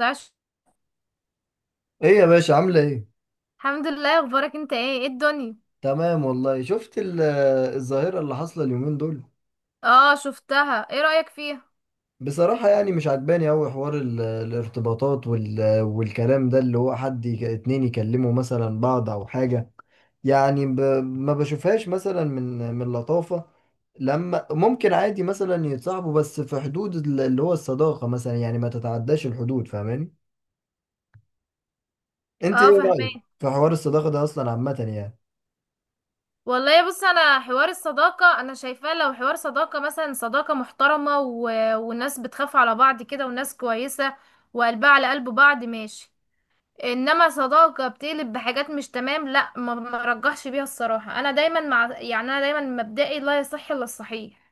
عاش. ايه يا باشا؟ عاملة ايه؟ الحمد لله، اخبارك؟ انت ايه؟ ايه الدنيا؟ تمام والله. شفت الظاهرة اللي حاصلة اليومين دول؟ اه شفتها. ايه رأيك فيها؟ بصراحة يعني مش عجباني أوي حوار الارتباطات والكلام ده، اللي هو حد اتنين يكلموا مثلا بعض أو حاجة. يعني ما بشوفهاش مثلا من لطافة، لما ممكن عادي مثلا يتصاحبوا، بس في حدود اللي هو الصداقة مثلا، يعني ما تتعداش الحدود. فاهماني؟ انت اه ايه رأيك فهمان. في حوار الصداقة ده أصلا عامة يعني؟ والله بص، انا حوار الصداقة انا شايفاه لو حوار صداقة مثلا، صداقة محترمة والناس بتخاف على بعض كده، والناس كويسة وقلبها على قلب بعض، ماشي. انما صداقة بتقلب بحاجات مش تمام، لا ما رجحش بيها الصراحة. انا دايما مع، يعني انا دايما مبدئي، لا يصح الا الصحيح.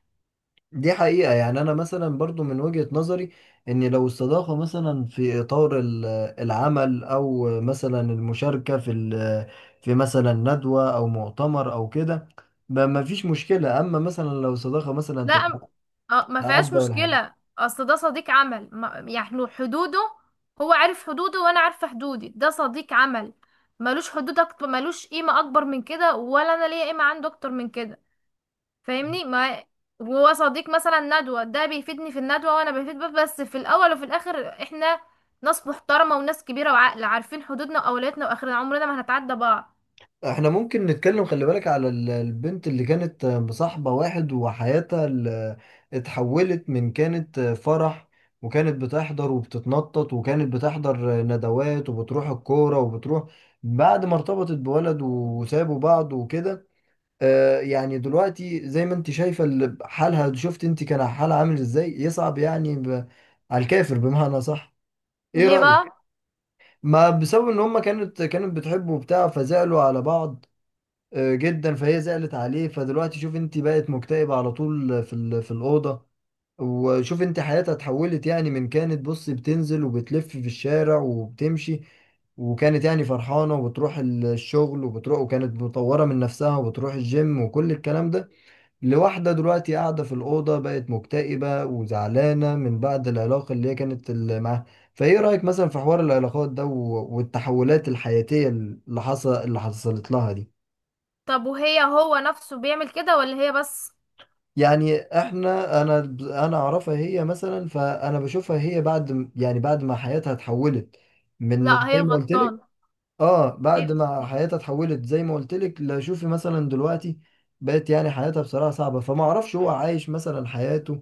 دي حقيقة. يعني أنا مثلا برضو من وجهة نظري، إن لو الصداقة مثلا في إطار العمل، أو مثلا المشاركة في في مثلا ندوة أو مؤتمر أو كده، ما فيش مشكلة. أما مثلا لو صداقة مثلا لا م- اه ما فيهاش تتعدى ولا حاجة. مشكلة، اصل ده صديق عمل، يعني حدوده هو عارف حدوده وانا عارفة حدودي، ده صديق عمل، ملوش حدود اكتر، ملوش قيمة اكبر من كده، ولا انا ليا قيمة عنده اكتر من كده. فاهمني؟ ما وهو صديق مثلا ندوة، ده بيفيدني في الندوة وانا بفيد بيه، بس في الاول وفي الاخر احنا ناس محترمة وناس كبيرة وعاقلة، عارفين حدودنا واولوياتنا، واخرنا عمرنا ما هنتعدى بعض. احنا ممكن نتكلم، خلي بالك، على البنت اللي كانت مصاحبة واحد وحياتها اتحولت. من كانت فرح وكانت بتحضر وبتتنطط وكانت بتحضر ندوات وبتروح الكورة وبتروح، بعد ما ارتبطت بولد وسابوا بعض وكده. اه يعني دلوقتي زي ما انت شايفة حالها. شفت انت كان حالها عامل ازاي؟ يصعب يعني على الكافر، بمعنى صح. ايه ليه رأيك؟ بقى؟ ما بسبب ان هما كانت بتحب وبتاع، فزعلوا على بعض. آه، جدا. فهي زعلت عليه، فدلوقتي شوف انت بقت مكتئبة على طول في في الأوضة. وشوف انت حياتها اتحولت. يعني من كانت، بص، بتنزل وبتلف في الشارع وبتمشي، وكانت يعني فرحانة وبتروح الشغل وبتروح، وكانت مطورة من نفسها وبتروح الجيم وكل الكلام ده، لواحدة دلوقتي قاعدة في الأوضة، بقت مكتئبة وزعلانة من بعد العلاقة اللي هي كانت معاها. فايه رأيك مثلا في حوار العلاقات ده والتحولات الحياتية اللي حصلت لها دي؟ طب وهي، هو نفسه بيعمل كده ولا هي بس؟ يعني انا انا اعرفها هي مثلا، فانا بشوفها هي بعد يعني بعد ما حياتها اتحولت من لا هي زي ما قلت لك. الغلطانة. اه بعد ما حياتها اتحولت زي ما قلت لك، لا شوفي مثلا دلوقتي بقت يعني حياتها بصراحة صعبة، فما اعرفش هو عايش مثلا حياته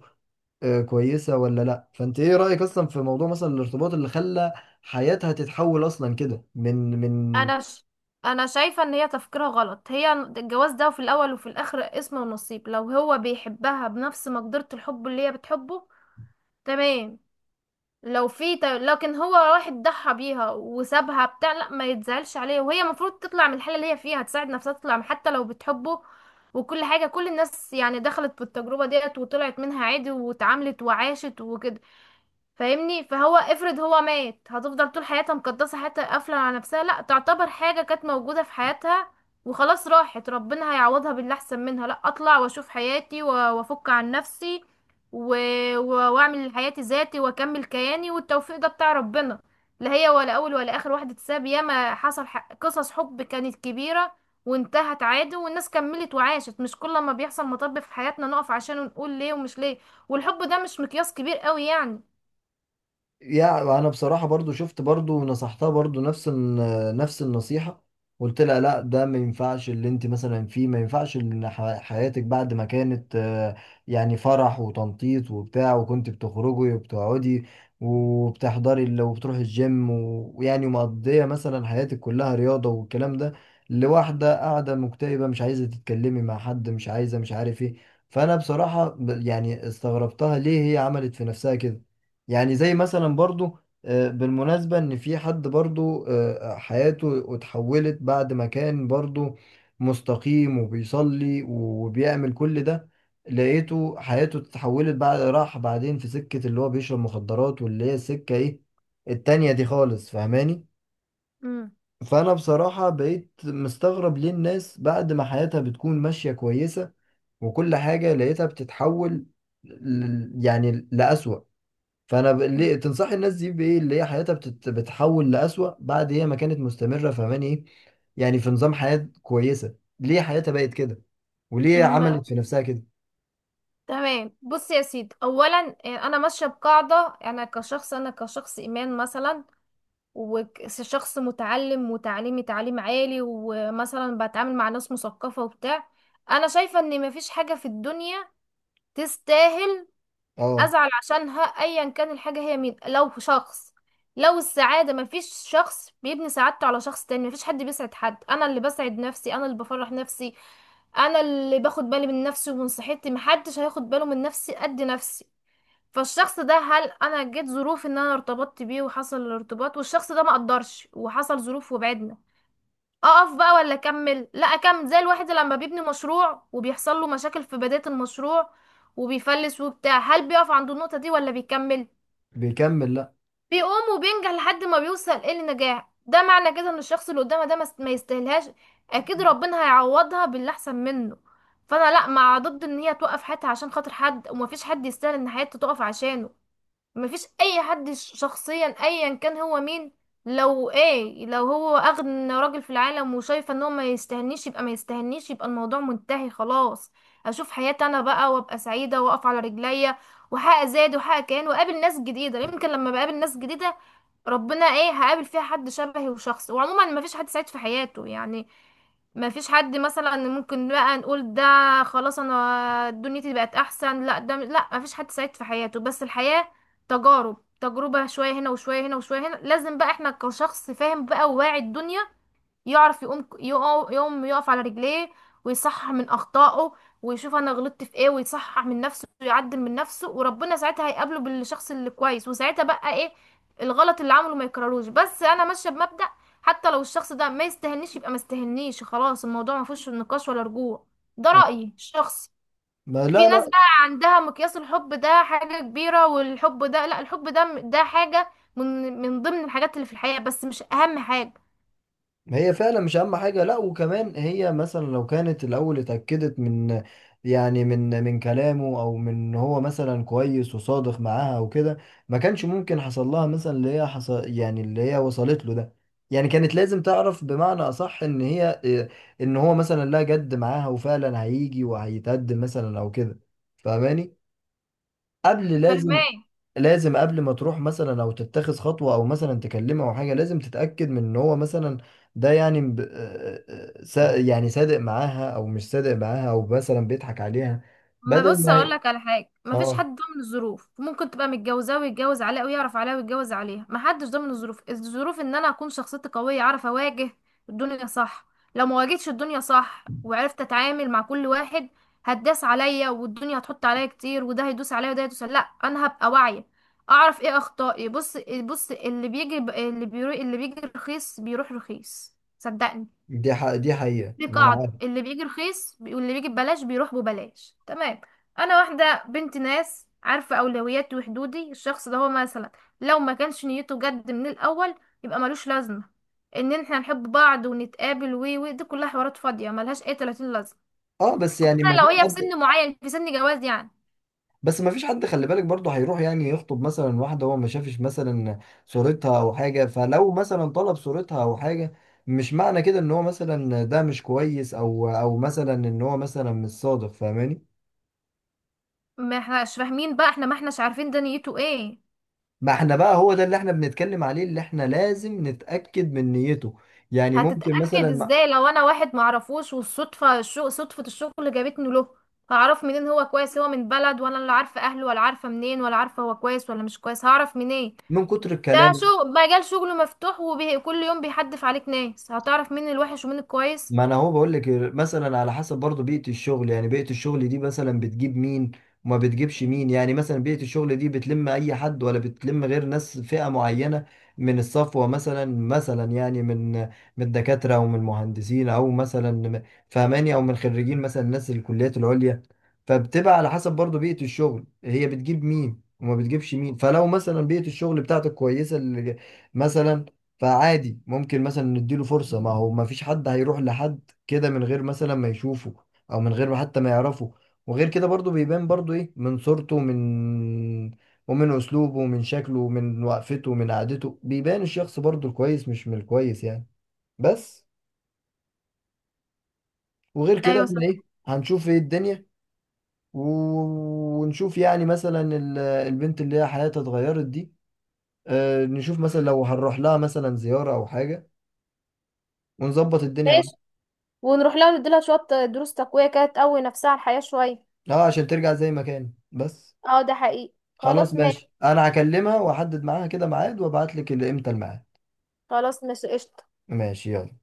آه كويسة ولا لا. فانت ايه رأيك اصلا في موضوع مثلا الارتباط اللي خلى حياتها تتحول اصلا كده من انا ش... انا شايفه ان هي تفكيرها غلط. هي الجواز ده في الاول وفي الاخر اسم ونصيب، لو هو بيحبها بنفس مقدرة الحب اللي هي بتحبه، تمام. لكن هو واحد ضحى بيها وسابها بتاع، لا ما يتزعلش عليها، وهي المفروض تطلع من الحالة اللي هي فيها، تساعد نفسها تطلع حتى لو بتحبه. وكل حاجة، كل الناس يعني دخلت في التجربة ديت وطلعت منها عادي، واتعاملت وعاشت وكده. فاهمني؟ فهو افرض هو مات، هتفضل طول حياتها مقدسة حياتها، قافلة على نفسها؟ لا، تعتبر حاجة كانت موجودة في حياتها وخلاص راحت، ربنا هيعوضها باللي احسن منها. لا، اطلع واشوف حياتي وافك عن نفسي و... واعمل حياتي ذاتي واكمل كياني، والتوفيق ده بتاع ربنا. لا هي ولا اول ولا اخر واحدة تساب، ياما حصل قصص حب كانت كبيرة وانتهت عادي، والناس كملت وعاشت. مش كل ما بيحصل مطب في حياتنا نقف عشان نقول ليه ومش ليه. والحب ده مش مقياس كبير قوي يعني. يعني. انا بصراحه برضو شفت برضو ونصحتها برضو نفس نفس النصيحه. قلت لها لا، ده ما ينفعش، اللي انت مثلا فيه ما ينفعش، ان حياتك بعد ما كانت آه، يعني فرح وتنطيط وبتاع، وكنت بتخرجي وبتقعدي وبتحضري وبتروحي الجيم ويعني مقضيه مثلا حياتك كلها رياضه والكلام ده، لواحده قاعده مكتئبه، مش عايزه تتكلمي مع حد، مش عايزه، مش عارف ايه. فانا بصراحه يعني استغربتها، ليه هي عملت في نفسها كده؟ يعني زي مثلا برضو آه، بالمناسبة، ان في حد برضو آه، حياته اتحولت بعد ما كان برضو مستقيم وبيصلي وبيعمل كل ده، لقيته حياته اتحولت، بعد راح بعدين في سكة اللي هو بيشرب مخدرات، واللي هي السكة ايه التانية دي خالص. فاهماني؟ مم. فانا بصراحة بقيت مستغرب، ليه الناس بعد ما حياتها بتكون ماشية كويسة وكل حاجة، لقيتها بتتحول يعني لأسوأ. فانا ليه تنصحي الناس دي بايه؟ اللي هي حياتها بتحول لأسوأ بعد هي ما كانت مستمره. فاهماني ايه يعني؟ في نظام حياه كويسه، ليه حياتها بقت كده وليه م- عملت في نفسها كده؟ تمام. بص يا سيدي، اولا انا ماشيه بقاعده، انا كشخص ايمان مثلا، وشخص متعلم وتعليمي تعليم عالي، ومثلا بتعامل مع ناس مثقفه وبتاع. انا شايفه ان مفيش حاجه في الدنيا تستاهل اه ازعل عشانها، ايا كان الحاجه هي مين. لو شخص، لو السعاده، مفيش شخص بيبني سعادته على شخص تاني. مفيش حد بيسعد حد، انا اللي بسعد نفسي، انا اللي بفرح نفسي، انا اللي باخد بالي من نفسي ومن صحتي. محدش هياخد باله من نفسي قد نفسي. فالشخص ده، هل انا جيت ظروف ان انا ارتبطت بيه وحصل الارتباط، والشخص ده ما قدرش وحصل ظروف وبعدنا، اقف بقى ولا اكمل؟ لا اكمل. زي الواحد لما بيبني مشروع وبيحصل له مشاكل في بداية المشروع وبيفلس وبتاع، هل بيقف عند النقطة دي ولا بيكمل؟ بيكمل لا. بيقوم وبينجح لحد ما بيوصل ايه، للنجاح. ده معنى كده ان الشخص اللي قدامه ده ما يستاهلهاش، اكيد ربنا هيعوضها باللي احسن منه. فانا لا، مع ضد ان هي توقف حياتها عشان خاطر حد، ومفيش حد يستاهل ان حياته تقف عشانه. مفيش اي حد، شخصيا ايا كان هو مين. لو ايه، لو هو اغنى راجل في العالم وشايفه ان هو ما يستهنيش، يبقى ما يستهنيش، يبقى الموضوع منتهي خلاص. اشوف حياتي انا بقى، وابقى سعيده واقف على رجليا، وحقق زاد وحقق كيان، واقابل ناس جديده. يمكن لما بقابل ناس جديده، ربنا ايه، هقابل فيها حد شبهي وشخص. وعموما مفيش حد سعيد في حياته يعني، ما فيش حد مثلا ممكن بقى نقول ده خلاص انا دنيتي بقت احسن، لا، ده لا، ما فيش حد سعيد في حياته، بس الحياة تجارب. تجربة شوية هنا وشوية هنا وشوية هنا. لازم بقى احنا كشخص فاهم بقى وواعي الدنيا، يعرف يقوم، يقوم يقف على رجليه، ويصحح من أخطائه، ويشوف أنا غلطت في إيه، ويصحح من نفسه ويعدل من نفسه، وربنا ساعتها هيقابله بالشخص اللي كويس، وساعتها بقى إيه، الغلط اللي عمله ما يكرروش. بس أنا ماشية بمبدأ، حتى لو الشخص ده ما يستهنيش يبقى ما يستهنيش، خلاص الموضوع ما فيهوش نقاش ولا رجوع. ده آه. رأيي الشخصي. ما في لا، ناس لا. بقى عندها مقياس الحب ده حاجة كبيرة. والحب ده لا، الحب ده، ده حاجة من من ضمن الحاجات اللي في الحياة، بس مش أهم حاجة. هي فعلا مش اهم حاجه. لا، وكمان هي مثلا لو كانت الاول اتاكدت من يعني من كلامه، او من إن هو مثلا كويس وصادق معاها وكده، ما كانش ممكن حصل لها مثلا اللي هي حصل، يعني اللي هي وصلت له ده. يعني كانت لازم تعرف، بمعنى اصح، ان هي إيه، ان هو مثلا لا، جد معاها وفعلا هيجي وهيتقدم مثلا او كده. فاهماني؟ قبل لازم، فاهمة؟ لازم قبل ما تروح مثلا او تتخذ خطوه او مثلا تكلمه او حاجه، لازم تتاكد من ان هو مثلا ده يعني آه، آه، يعني صادق معاها او مش صادق معاها، او مثلا بيضحك عليها ما بدل بص، ما اقول لك على حاجه، ما فيش اه. حد ضامن الظروف. ممكن تبقى متجوزاه ويتجوز عليها، ويعرف عليها ويتجوز عليها، ما حدش ضامن الظروف. الظروف ان انا اكون شخصيتي قويه، اعرف اواجه الدنيا صح. لو ما واجهتش الدنيا صح وعرفت اتعامل مع كل واحد، هتداس عليا، والدنيا هتحط عليا كتير، وده هيدوس عليا وده هيدوس عليا. لا، انا هبقى واعيه، اعرف ايه اخطائي. بص، بص، اللي بيجي اللي بيروح، اللي بيجي رخيص بيروح رخيص، صدقني. دي دي حقيقه. دي ما انا قاعدة، عارف. اللي بيجي واللي بيجي ببلاش بيروح ببلاش، تمام. انا واحدة بنت ناس، عارفة اولوياتي وحدودي. الشخص ده هو مثلا لو ما كانش نيته جد من الاول، يبقى ملوش لازمة ان احنا نحب بعض ونتقابل، و دي كلها حوارات فاضية ملهاش اي 30 لازمة، اه بس خصوصا يعني ما لو فيش هي في حد، سن معين، في سن جواز يعني. بس ما فيش حد، خلي بالك برضه، هيروح يعني يخطب مثلا واحده هو ما شافش مثلا صورتها او حاجه. فلو مثلا طلب صورتها او حاجه، مش معنى كده ان هو مثلا ده مش كويس، او او مثلا ان هو مثلا مش صادق. فاهماني؟ ما احناش فاهمين بقى، احنا ما احناش عارفين ده نيته ايه. ما احنا بقى هو ده اللي احنا بنتكلم عليه، اللي احنا لازم نتأكد من نيته. يعني ممكن مثلا هتتأكد ازاي لو انا واحد معرفوش، والصدفة صدفة الشغل جابتني له؟ هعرف منين هو كويس؟ هو من بلد وانا اللي عارفة اهله، ولا عارفة منين، ولا عارفة هو كويس ولا مش كويس، هعرف منين؟ من كتر ده الكلام. شغل مجال شغله مفتوح، وكل يوم بيحدف عليك ناس، هتعرف مين الوحش ومين الكويس. ما انا هو بقول لك، مثلا على حسب برضه بيئة الشغل، يعني بيئة الشغل دي مثلا بتجيب مين وما بتجيبش مين. يعني مثلا بيئة الشغل دي بتلم اي حد، ولا بتلم غير ناس فئة معينة من الصفوة مثلا، مثلا يعني من الدكاترة او من المهندسين، او مثلا فهماني، او من خريجين مثلا ناس الكليات العليا. فبتبقى على حسب برضه بيئة الشغل هي بتجيب مين وما بتجيبش مين. فلو مثلا بيئة الشغل بتاعتك كويسة مثلا، فعادي ممكن مثلا نديله فرصة. ما هو ما فيش حد هيروح لحد كده من غير مثلا ما يشوفه، او من غير ما حتى ما يعرفه. وغير كده برضو بيبان برضو ايه، من صورته، ومن اسلوبه ومن شكله ومن وقفته ومن قعدته، بيبان الشخص برضو الكويس مش من الكويس يعني. بس وغير كده، ايوه احنا صح. ايه، هنشوف ايه الدنيا ونشوف يعني مثلا البنت اللي هي حياتها اتغيرت دي. آه، نشوف مثلا لو هنروح لها مثلا زيارة او حاجة ونظبط الدنيا. ماشي، ونروح لها نديلها شوية دروس تقوية كده، تقوي نفسها على الحياة شوية. اه عشان ترجع زي ما كان. بس اه ده حقيقي. خلاص خلاص ماشي. ماشي، انا هكلمها واحدد معاها كده ميعاد وابعت لك امتى الميعاد. خلاص ماشي، قشطة. ماشي، يلا.